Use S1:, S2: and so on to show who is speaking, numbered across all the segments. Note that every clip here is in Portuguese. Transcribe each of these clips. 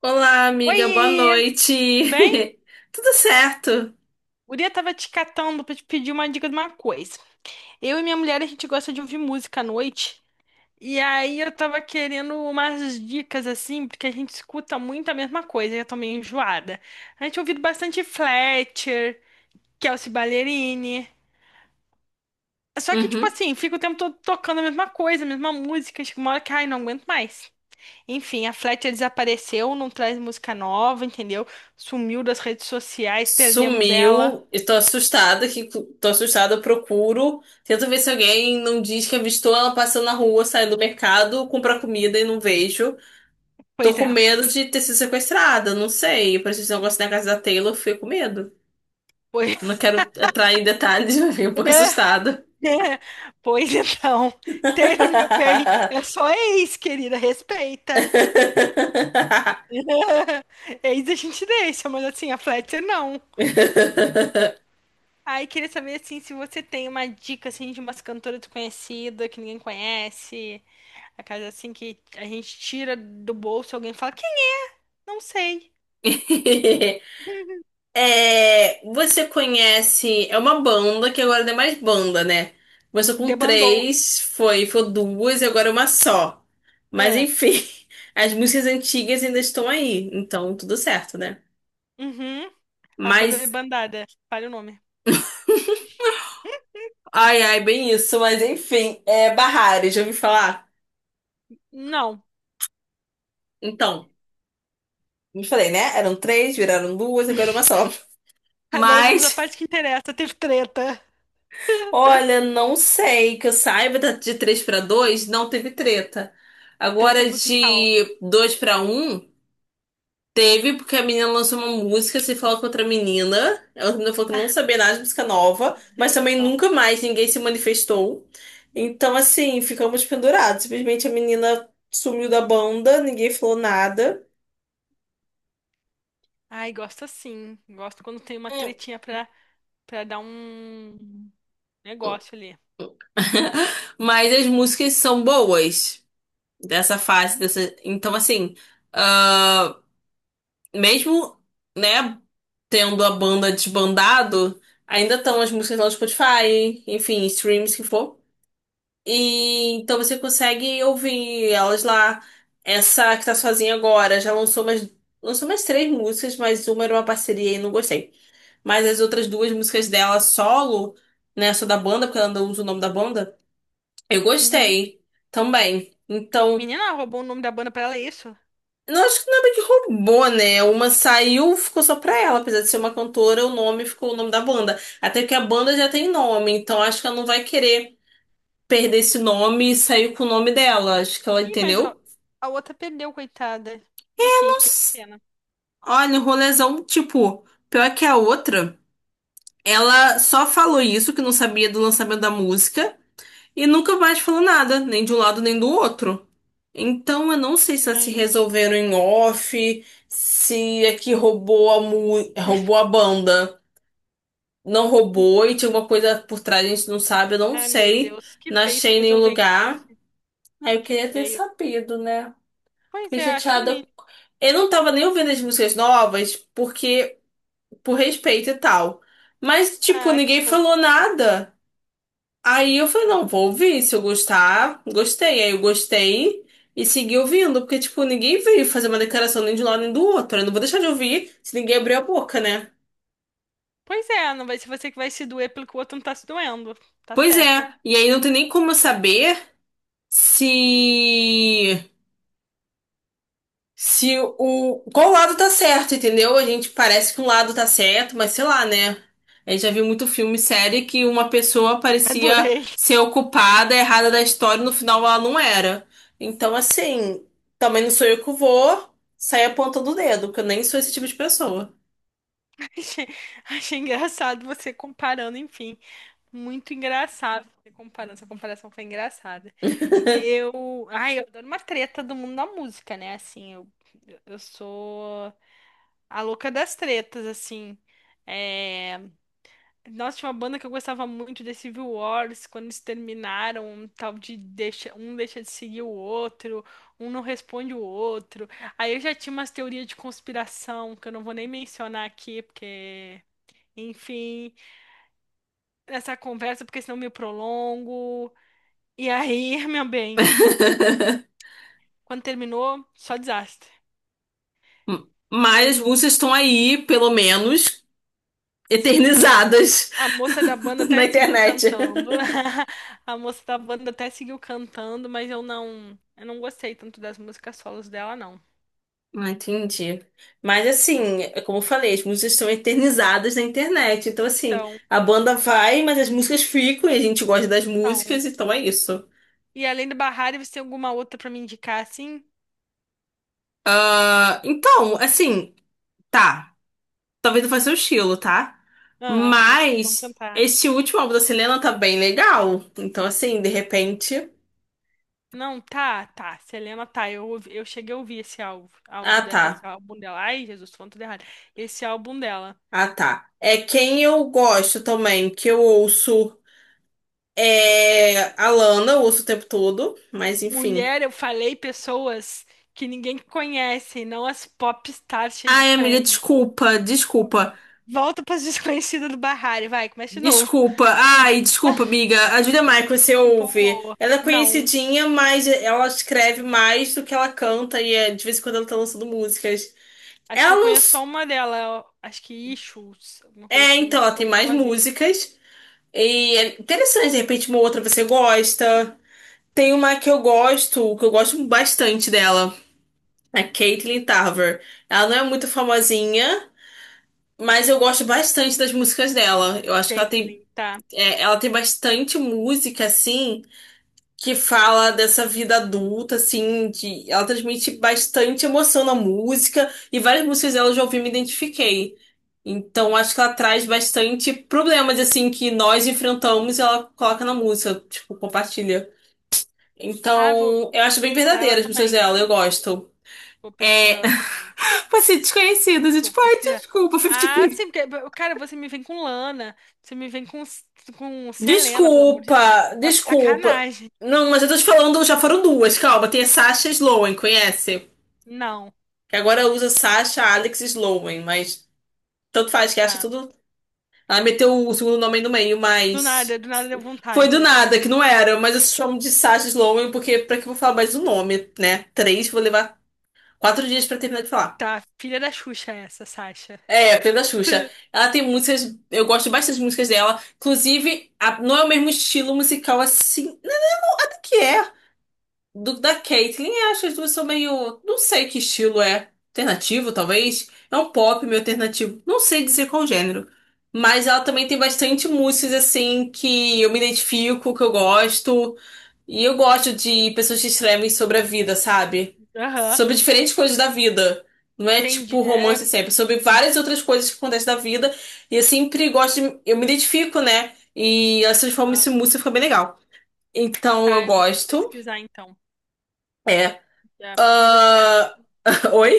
S1: Olá, amiga, boa
S2: Oi,
S1: noite.
S2: tudo bem?
S1: Tudo certo?
S2: Guria tava te catando pra te pedir uma dica de uma coisa. Eu e minha mulher, a gente gosta de ouvir música à noite. E aí eu tava querendo umas dicas assim, porque a gente escuta muito a mesma coisa e eu tô meio enjoada. A gente ouviu bastante Fletcher, Kelsea Ballerini. Só que, tipo
S1: Uhum.
S2: assim, fica o tempo todo tocando a mesma coisa, a mesma música. Chega uma hora que, ai, não aguento mais. Enfim, a Fletcher desapareceu, não traz música nova, entendeu? Sumiu das redes sociais, perdemos ela.
S1: Sumiu. Estou assustada que tô assustada, eu procuro. Tento ver se alguém não diz que avistou ela passando na rua, saindo do mercado, comprar comida e não vejo. Tô
S2: Pois
S1: com
S2: é.
S1: medo de ter sido sequestrada, não sei. Parece esse negócio na casa da Taylor, eu fiquei com medo.
S2: Pois,
S1: Não quero entrar em detalhes, mas fiquei um pouco
S2: olha,
S1: assustada.
S2: é, pois então, Taylor, meu bem, é só ex, querida, respeita. Ex a gente deixa, mas assim, a Fletcher não. Aí queria saber, assim, se você tem uma dica, assim, de umas cantoras desconhecidas, que ninguém conhece, a casa, assim, que a gente tira do bolso e alguém fala, quem? Não sei.
S1: É, você conhece. É uma banda que agora não é mais banda, né? Começou com
S2: Debandou.
S1: 3, foi duas e agora é uma só. Mas
S2: Ah,
S1: enfim, as músicas antigas ainda estão aí, então tudo certo, né?
S2: uhum, a banda
S1: Mas.
S2: debandada, fale o nome.
S1: Ai, ai, bem isso, mas enfim, é Barrari, já ouvi falar?
S2: Não.
S1: Então, me falei, né? Eram 3, viraram duas, agora é uma só.
S2: Agora vamos à
S1: Mas.
S2: parte que interessa, teve treta,
S1: Olha, não sei que eu saiba de 3 para 2 não teve treta.
S2: treta
S1: Agora
S2: musical.
S1: de 2 para um teve porque a menina lançou uma música, se falou com outra menina. Ela outra menina falou que não sabia nada de música nova, mas também
S2: Gente, ó.
S1: nunca mais ninguém se manifestou. Então, assim, ficamos pendurados. Simplesmente a menina sumiu da banda, ninguém falou nada.
S2: Ai, gosto assim. Gosto quando tem uma
S1: Hum.
S2: tretinha pra, pra dar um negócio ali.
S1: Mas as músicas são boas dessa fase, dessa... Então, assim, mesmo, né, tendo a banda desbandado, ainda estão as músicas lá no Spotify, enfim, streams que for. E então você consegue ouvir elas lá. Essa que tá sozinha agora já lançou mais 3 músicas, mas uma era uma parceria e não gostei. Mas as outras 2 músicas dela solo, né, só da banda, porque ela não usa o nome da banda, eu
S2: Uhum.
S1: gostei também. Então,
S2: Menina, roubou o nome da banda pra ela, é isso?
S1: não, acho que não é bem que roubou, né? Uma saiu, ficou só pra ela. Apesar de ser uma cantora, o nome ficou o nome da banda. Até porque a banda já tem nome, então acho que ela não vai querer perder esse nome e sair com o nome dela. Acho que ela
S2: Ih, mas
S1: entendeu.
S2: a outra perdeu, coitada. Enfim, fiquei com
S1: Nossa,
S2: pena.
S1: olha, um rolezão, tipo, pior que a outra. Ela só falou isso, que não sabia do lançamento da música, e nunca mais falou nada, nem de um lado nem do outro. Então, eu não sei se elas se
S2: Gente.
S1: resolveram em off, se é que roubou a, roubou a banda, não roubou e tinha alguma coisa por trás, a gente não sabe, eu não
S2: Ai, meu
S1: sei.
S2: Deus, que
S1: Não
S2: feio se
S1: achei nenhum
S2: resolver em
S1: lugar.
S2: off.
S1: Aí eu
S2: Que
S1: queria ter
S2: feio.
S1: sabido, né?
S2: Pois
S1: Fiquei
S2: é, acho o
S1: chateada.
S2: mínimo.
S1: Eu não tava nem ouvindo as músicas novas, porque, por respeito e tal. Mas, tipo,
S2: Ah, que
S1: ninguém falou
S2: fofa.
S1: nada. Aí eu falei, não, vou ouvir, se eu gostar, gostei. Aí eu gostei e segui ouvindo, porque, tipo, ninguém veio fazer uma declaração nem de um lado nem do outro. Eu não vou deixar de ouvir se ninguém abrir a boca, né?
S2: Pois é, não vai ser você que vai se doer pelo que o outro não tá se doendo. Tá
S1: Pois
S2: certa.
S1: é, e aí não tem nem como eu saber se. Se o. Qual lado tá certo, entendeu? A gente parece que um lado tá certo, mas sei lá, né? A gente já viu muito filme e série que uma pessoa parecia
S2: Adorei.
S1: ser ocupada, errada da história, e no final ela não era. Então, assim, também não sou eu que vou sair apontando o dedo, porque eu nem sou esse tipo de pessoa.
S2: Achei, achei engraçado você comparando, enfim. Muito engraçado essa comparação. Essa comparação foi engraçada. Eu. Ai, eu adoro uma treta do mundo da música, né? Assim, eu sou a louca das tretas, assim. É... Nossa, tinha uma banda que eu gostava muito, The Civil Wars, quando eles terminaram, um tal de deixa, um deixa de seguir o outro, um não responde o outro. Aí eu já tinha umas teorias de conspiração que eu não vou nem mencionar aqui, porque. Enfim, essa conversa, porque senão eu me prolongo. E aí, meu bem, quando terminou, só desastre.
S1: Mas as
S2: Mas
S1: músicas estão aí, pelo menos,
S2: sim,
S1: eternizadas
S2: a moça da banda até
S1: na
S2: seguiu
S1: internet.
S2: cantando. A moça da banda até seguiu cantando, mas eu não gostei tanto das músicas solos dela, não.
S1: Ah, entendi. Mas assim, é como eu falei, as músicas são eternizadas na internet. Então, assim,
S2: Então,
S1: a banda vai, mas as músicas ficam e a gente gosta das
S2: então.
S1: músicas, então é isso.
S2: E além do Bahari, você tem alguma outra pra me indicar, assim?
S1: Ah, então, assim, tá. Talvez não faça o estilo, tá?
S2: Ah, mas vamos
S1: Mas
S2: tentar.
S1: esse último álbum da Selena tá bem legal. Então, assim, de repente.
S2: Não, tá, tá. Selena, tá. Eu, cheguei a ouvir esse álbum, áudio
S1: Ah,
S2: dela, esse
S1: tá.
S2: álbum dela. Ai, Jesus, tô falando tudo errado. Esse álbum dela.
S1: Ah, tá. É quem eu gosto também, que eu ouço é a Lana, eu ouço o tempo todo, mas enfim.
S2: Mulher, eu falei pessoas que ninguém conhece, não as pop stars cheias de
S1: Ai, amiga,
S2: prêmio.
S1: desculpa, desculpa,
S2: Volta para as desconhecidas do Barrari, vai, começa de novo.
S1: desculpa. Ai, desculpa, amiga. A Julia Michaels, você ouve.
S2: Empolgou.
S1: Ela é
S2: Não,
S1: conhecidinha, mas ela escreve mais do que ela canta e é, de vez em quando ela tá lançando músicas.
S2: acho que
S1: Ela
S2: eu
S1: não.
S2: conheço só uma dela, acho que Issues, alguma coisa
S1: É,
S2: assim, uma
S1: então,
S2: que
S1: ela
S2: ficou
S1: tem mais
S2: famosinha.
S1: músicas. E é interessante, de repente, uma outra você gosta. Tem uma que eu gosto bastante dela. A Caitlyn Tarver. Ela não é muito famosinha, mas eu gosto bastante das músicas dela. Eu acho que ela tem.
S2: Caitlyn, tá.
S1: É, ela tem bastante música, assim, que fala dessa vida adulta, assim, de, ela transmite bastante emoção na música, e várias músicas dela eu já ouvi e me identifiquei. Então, acho que ela traz bastante problemas, assim, que nós enfrentamos e ela coloca na música, tipo, compartilha.
S2: Ah, vou
S1: Então, eu acho bem
S2: pesquisar ela
S1: verdadeira as músicas
S2: também.
S1: dela, eu gosto.
S2: Vou pesquisar
S1: É,
S2: ela também.
S1: passei desconhecidas, eu
S2: Vou
S1: tipo, ai,
S2: pesquisar.
S1: desculpa,
S2: Ah,
S1: 50-50.
S2: sim, porque, cara, você me vem com Lana, você me vem com Selena, pelo amor de Deus.
S1: Desculpa,
S2: Tá
S1: desculpa.
S2: sacanagem.
S1: Não, mas eu tô te falando, já foram duas, calma. Tem a Sasha Sloan, conhece?
S2: Não.
S1: Que agora usa Sasha, Alex e Sloan, mas tanto faz que acha
S2: Tá.
S1: tudo. Ela meteu o segundo nome aí no meio, mas
S2: Do nada deu
S1: foi do
S2: vontade.
S1: nada, que não era. Mas eu chamo de Sasha Sloan porque pra que eu vou falar mais um nome, né? Três, vou levar 4 dias pra terminar de falar.
S2: Tá, filha da Xuxa essa, Sasha.
S1: É, Pedro da Xuxa. Ela tem músicas, eu gosto bastante das músicas dela. Inclusive, não é o mesmo estilo musical assim. Nada que é do da Caitlyn, eu acho que as duas são meio. Não sei que estilo é. Alternativo, talvez. É um pop meio alternativo. Não sei dizer qual gênero. Mas ela também tem bastante músicas assim que eu me identifico, que eu gosto. E eu gosto de pessoas que escrevem sobre a vida, sabe?
S2: Aham,
S1: Sobre diferentes coisas da vida. Não é
S2: entendi.
S1: tipo
S2: É,
S1: romance sempre, é sobre várias outras coisas que acontecem na vida. E eu sempre gosto de. Eu me identifico, né? E elas transformam
S2: aham.
S1: isso em música, fica bem legal. Então eu
S2: Tá, eu vou
S1: gosto.
S2: pesquisar então.
S1: É,
S2: Já fiz essa
S1: ah,
S2: listinha.
S1: oi?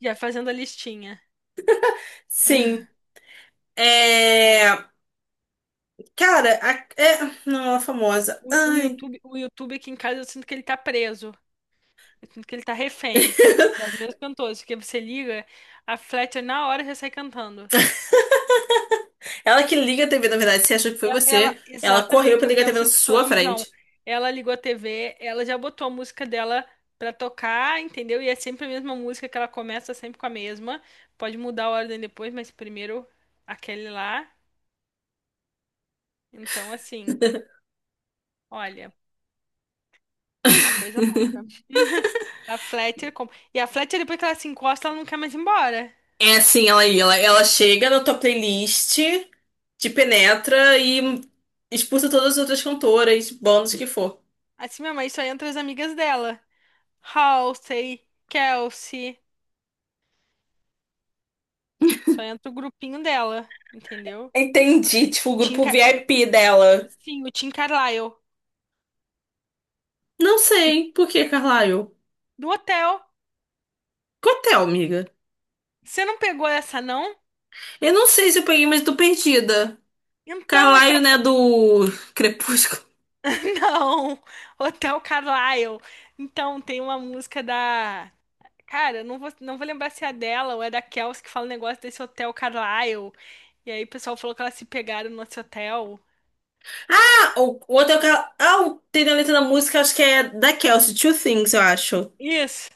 S2: Já fazendo a listinha.
S1: Sim. É. Cara, é. Não, ela é famosa.
S2: O
S1: Ai.
S2: YouTube, o YouTube aqui em casa eu sinto que ele tá preso. Eu sinto que ele tá refém das mesmas cantoras. Porque você liga, a Fletcher na hora já sai cantando.
S1: Ela que liga a TV, na verdade, se achou que foi você. Ela correu
S2: Exatamente,
S1: pra
S2: eu
S1: ligar a TV na
S2: penso que sou
S1: sua
S2: eu, mas não.
S1: frente.
S2: Ela ligou a TV, ela já botou a música dela pra tocar, entendeu? E é sempre a mesma música que ela começa sempre com a mesma. Pode mudar a ordem depois, mas primeiro aquele lá. Então, assim, olha, é uma coisa louca. A Fletcher. com- E a Fletcher, depois que ela se encosta, ela não quer mais ir embora.
S1: É assim, ela aí, ela chega na tua playlist, te penetra e expulsa todas as outras cantoras, bandas que for.
S2: Assim, minha mãe só entra as amigas dela. Halsey, Kelsey. Só entra o grupinho dela, entendeu?
S1: Entendi, tipo, o
S2: O Tim,
S1: grupo VIP dela.
S2: sim, o Tim Carlyle.
S1: Não sei. Por que Carlyle?
S2: Do hotel.
S1: Cotel, amiga.
S2: Você não pegou essa, não?
S1: Eu não sei se eu peguei, mas eu tô perdida.
S2: Então, é que
S1: Carlyle, né, do Crepúsculo.
S2: Não! Hotel Carlyle. Então, tem uma música Cara, eu vou lembrar se é dela ou é da Kelsey que fala o negócio desse Hotel Carlyle. E aí o pessoal falou que elas se pegaram no nosso hotel.
S1: Ah, o outro é o Car... Ah, tem na letra da música, acho que é da Kelsey, Two Things, eu acho.
S2: Isso!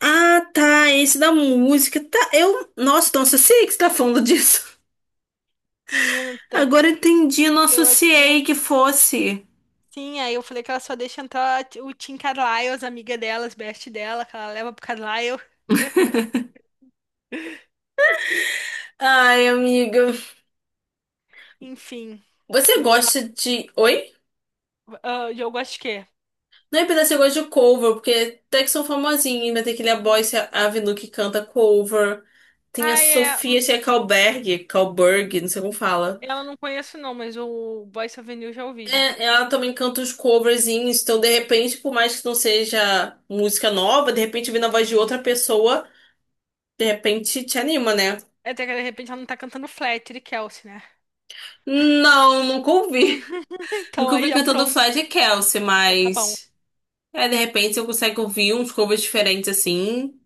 S1: Ah, tá, esse da música, tá, eu... Nossa, não associei que você tá falando disso.
S2: Menino, tá-
S1: Agora eu entendi, eu não
S2: eu
S1: associei que fosse.
S2: Sim, aí eu falei que ela só deixa entrar o Tim Carlyle, as amigas delas, best dela, que ela leva pro Carlyle.
S1: Ai, amiga,
S2: Enfim,
S1: você
S2: vou lá.
S1: gosta de... Oi?
S2: Ah, o jogo acho que é.
S1: Não é pedaço, você gosta de cover, porque até que são famosinhos, ainda tem aquele A Boyce Avenue que canta cover. Tem a
S2: Ah, é.
S1: Sofia Tchekauberg, Kalberg, não sei como fala.
S2: Ela não conheço não, mas o Boyce Avenue eu já ouvi já.
S1: É, ela também canta os coverzinhos, então de repente, por mais que não seja música nova, de repente vindo a voz de outra pessoa, de repente te anima, né?
S2: Até que de repente ela não tá cantando Fletcher e Kelsey, né?
S1: Não, nunca ouvi.
S2: Então
S1: Nunca
S2: aí
S1: ouvi
S2: já
S1: cantando
S2: pronto.
S1: Flash e Kelsey,
S2: Já tá bom.
S1: mas é, de repente eu consigo ouvir uns covers diferentes assim,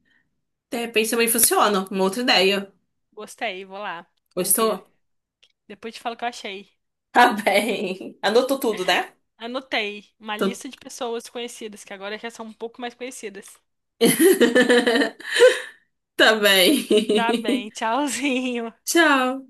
S1: de repente também funciona. Uma outra ideia.
S2: Gostei, vou lá
S1: Gostou?
S2: ouvir. Depois te falo o que eu achei.
S1: Tá bem. Anotou tudo, né?
S2: Anotei uma
S1: Tô-
S2: lista de pessoas conhecidas, que agora já são um pouco mais conhecidas.
S1: Tá
S2: Tá
S1: bem.
S2: bem, tchauzinho.
S1: Tchau.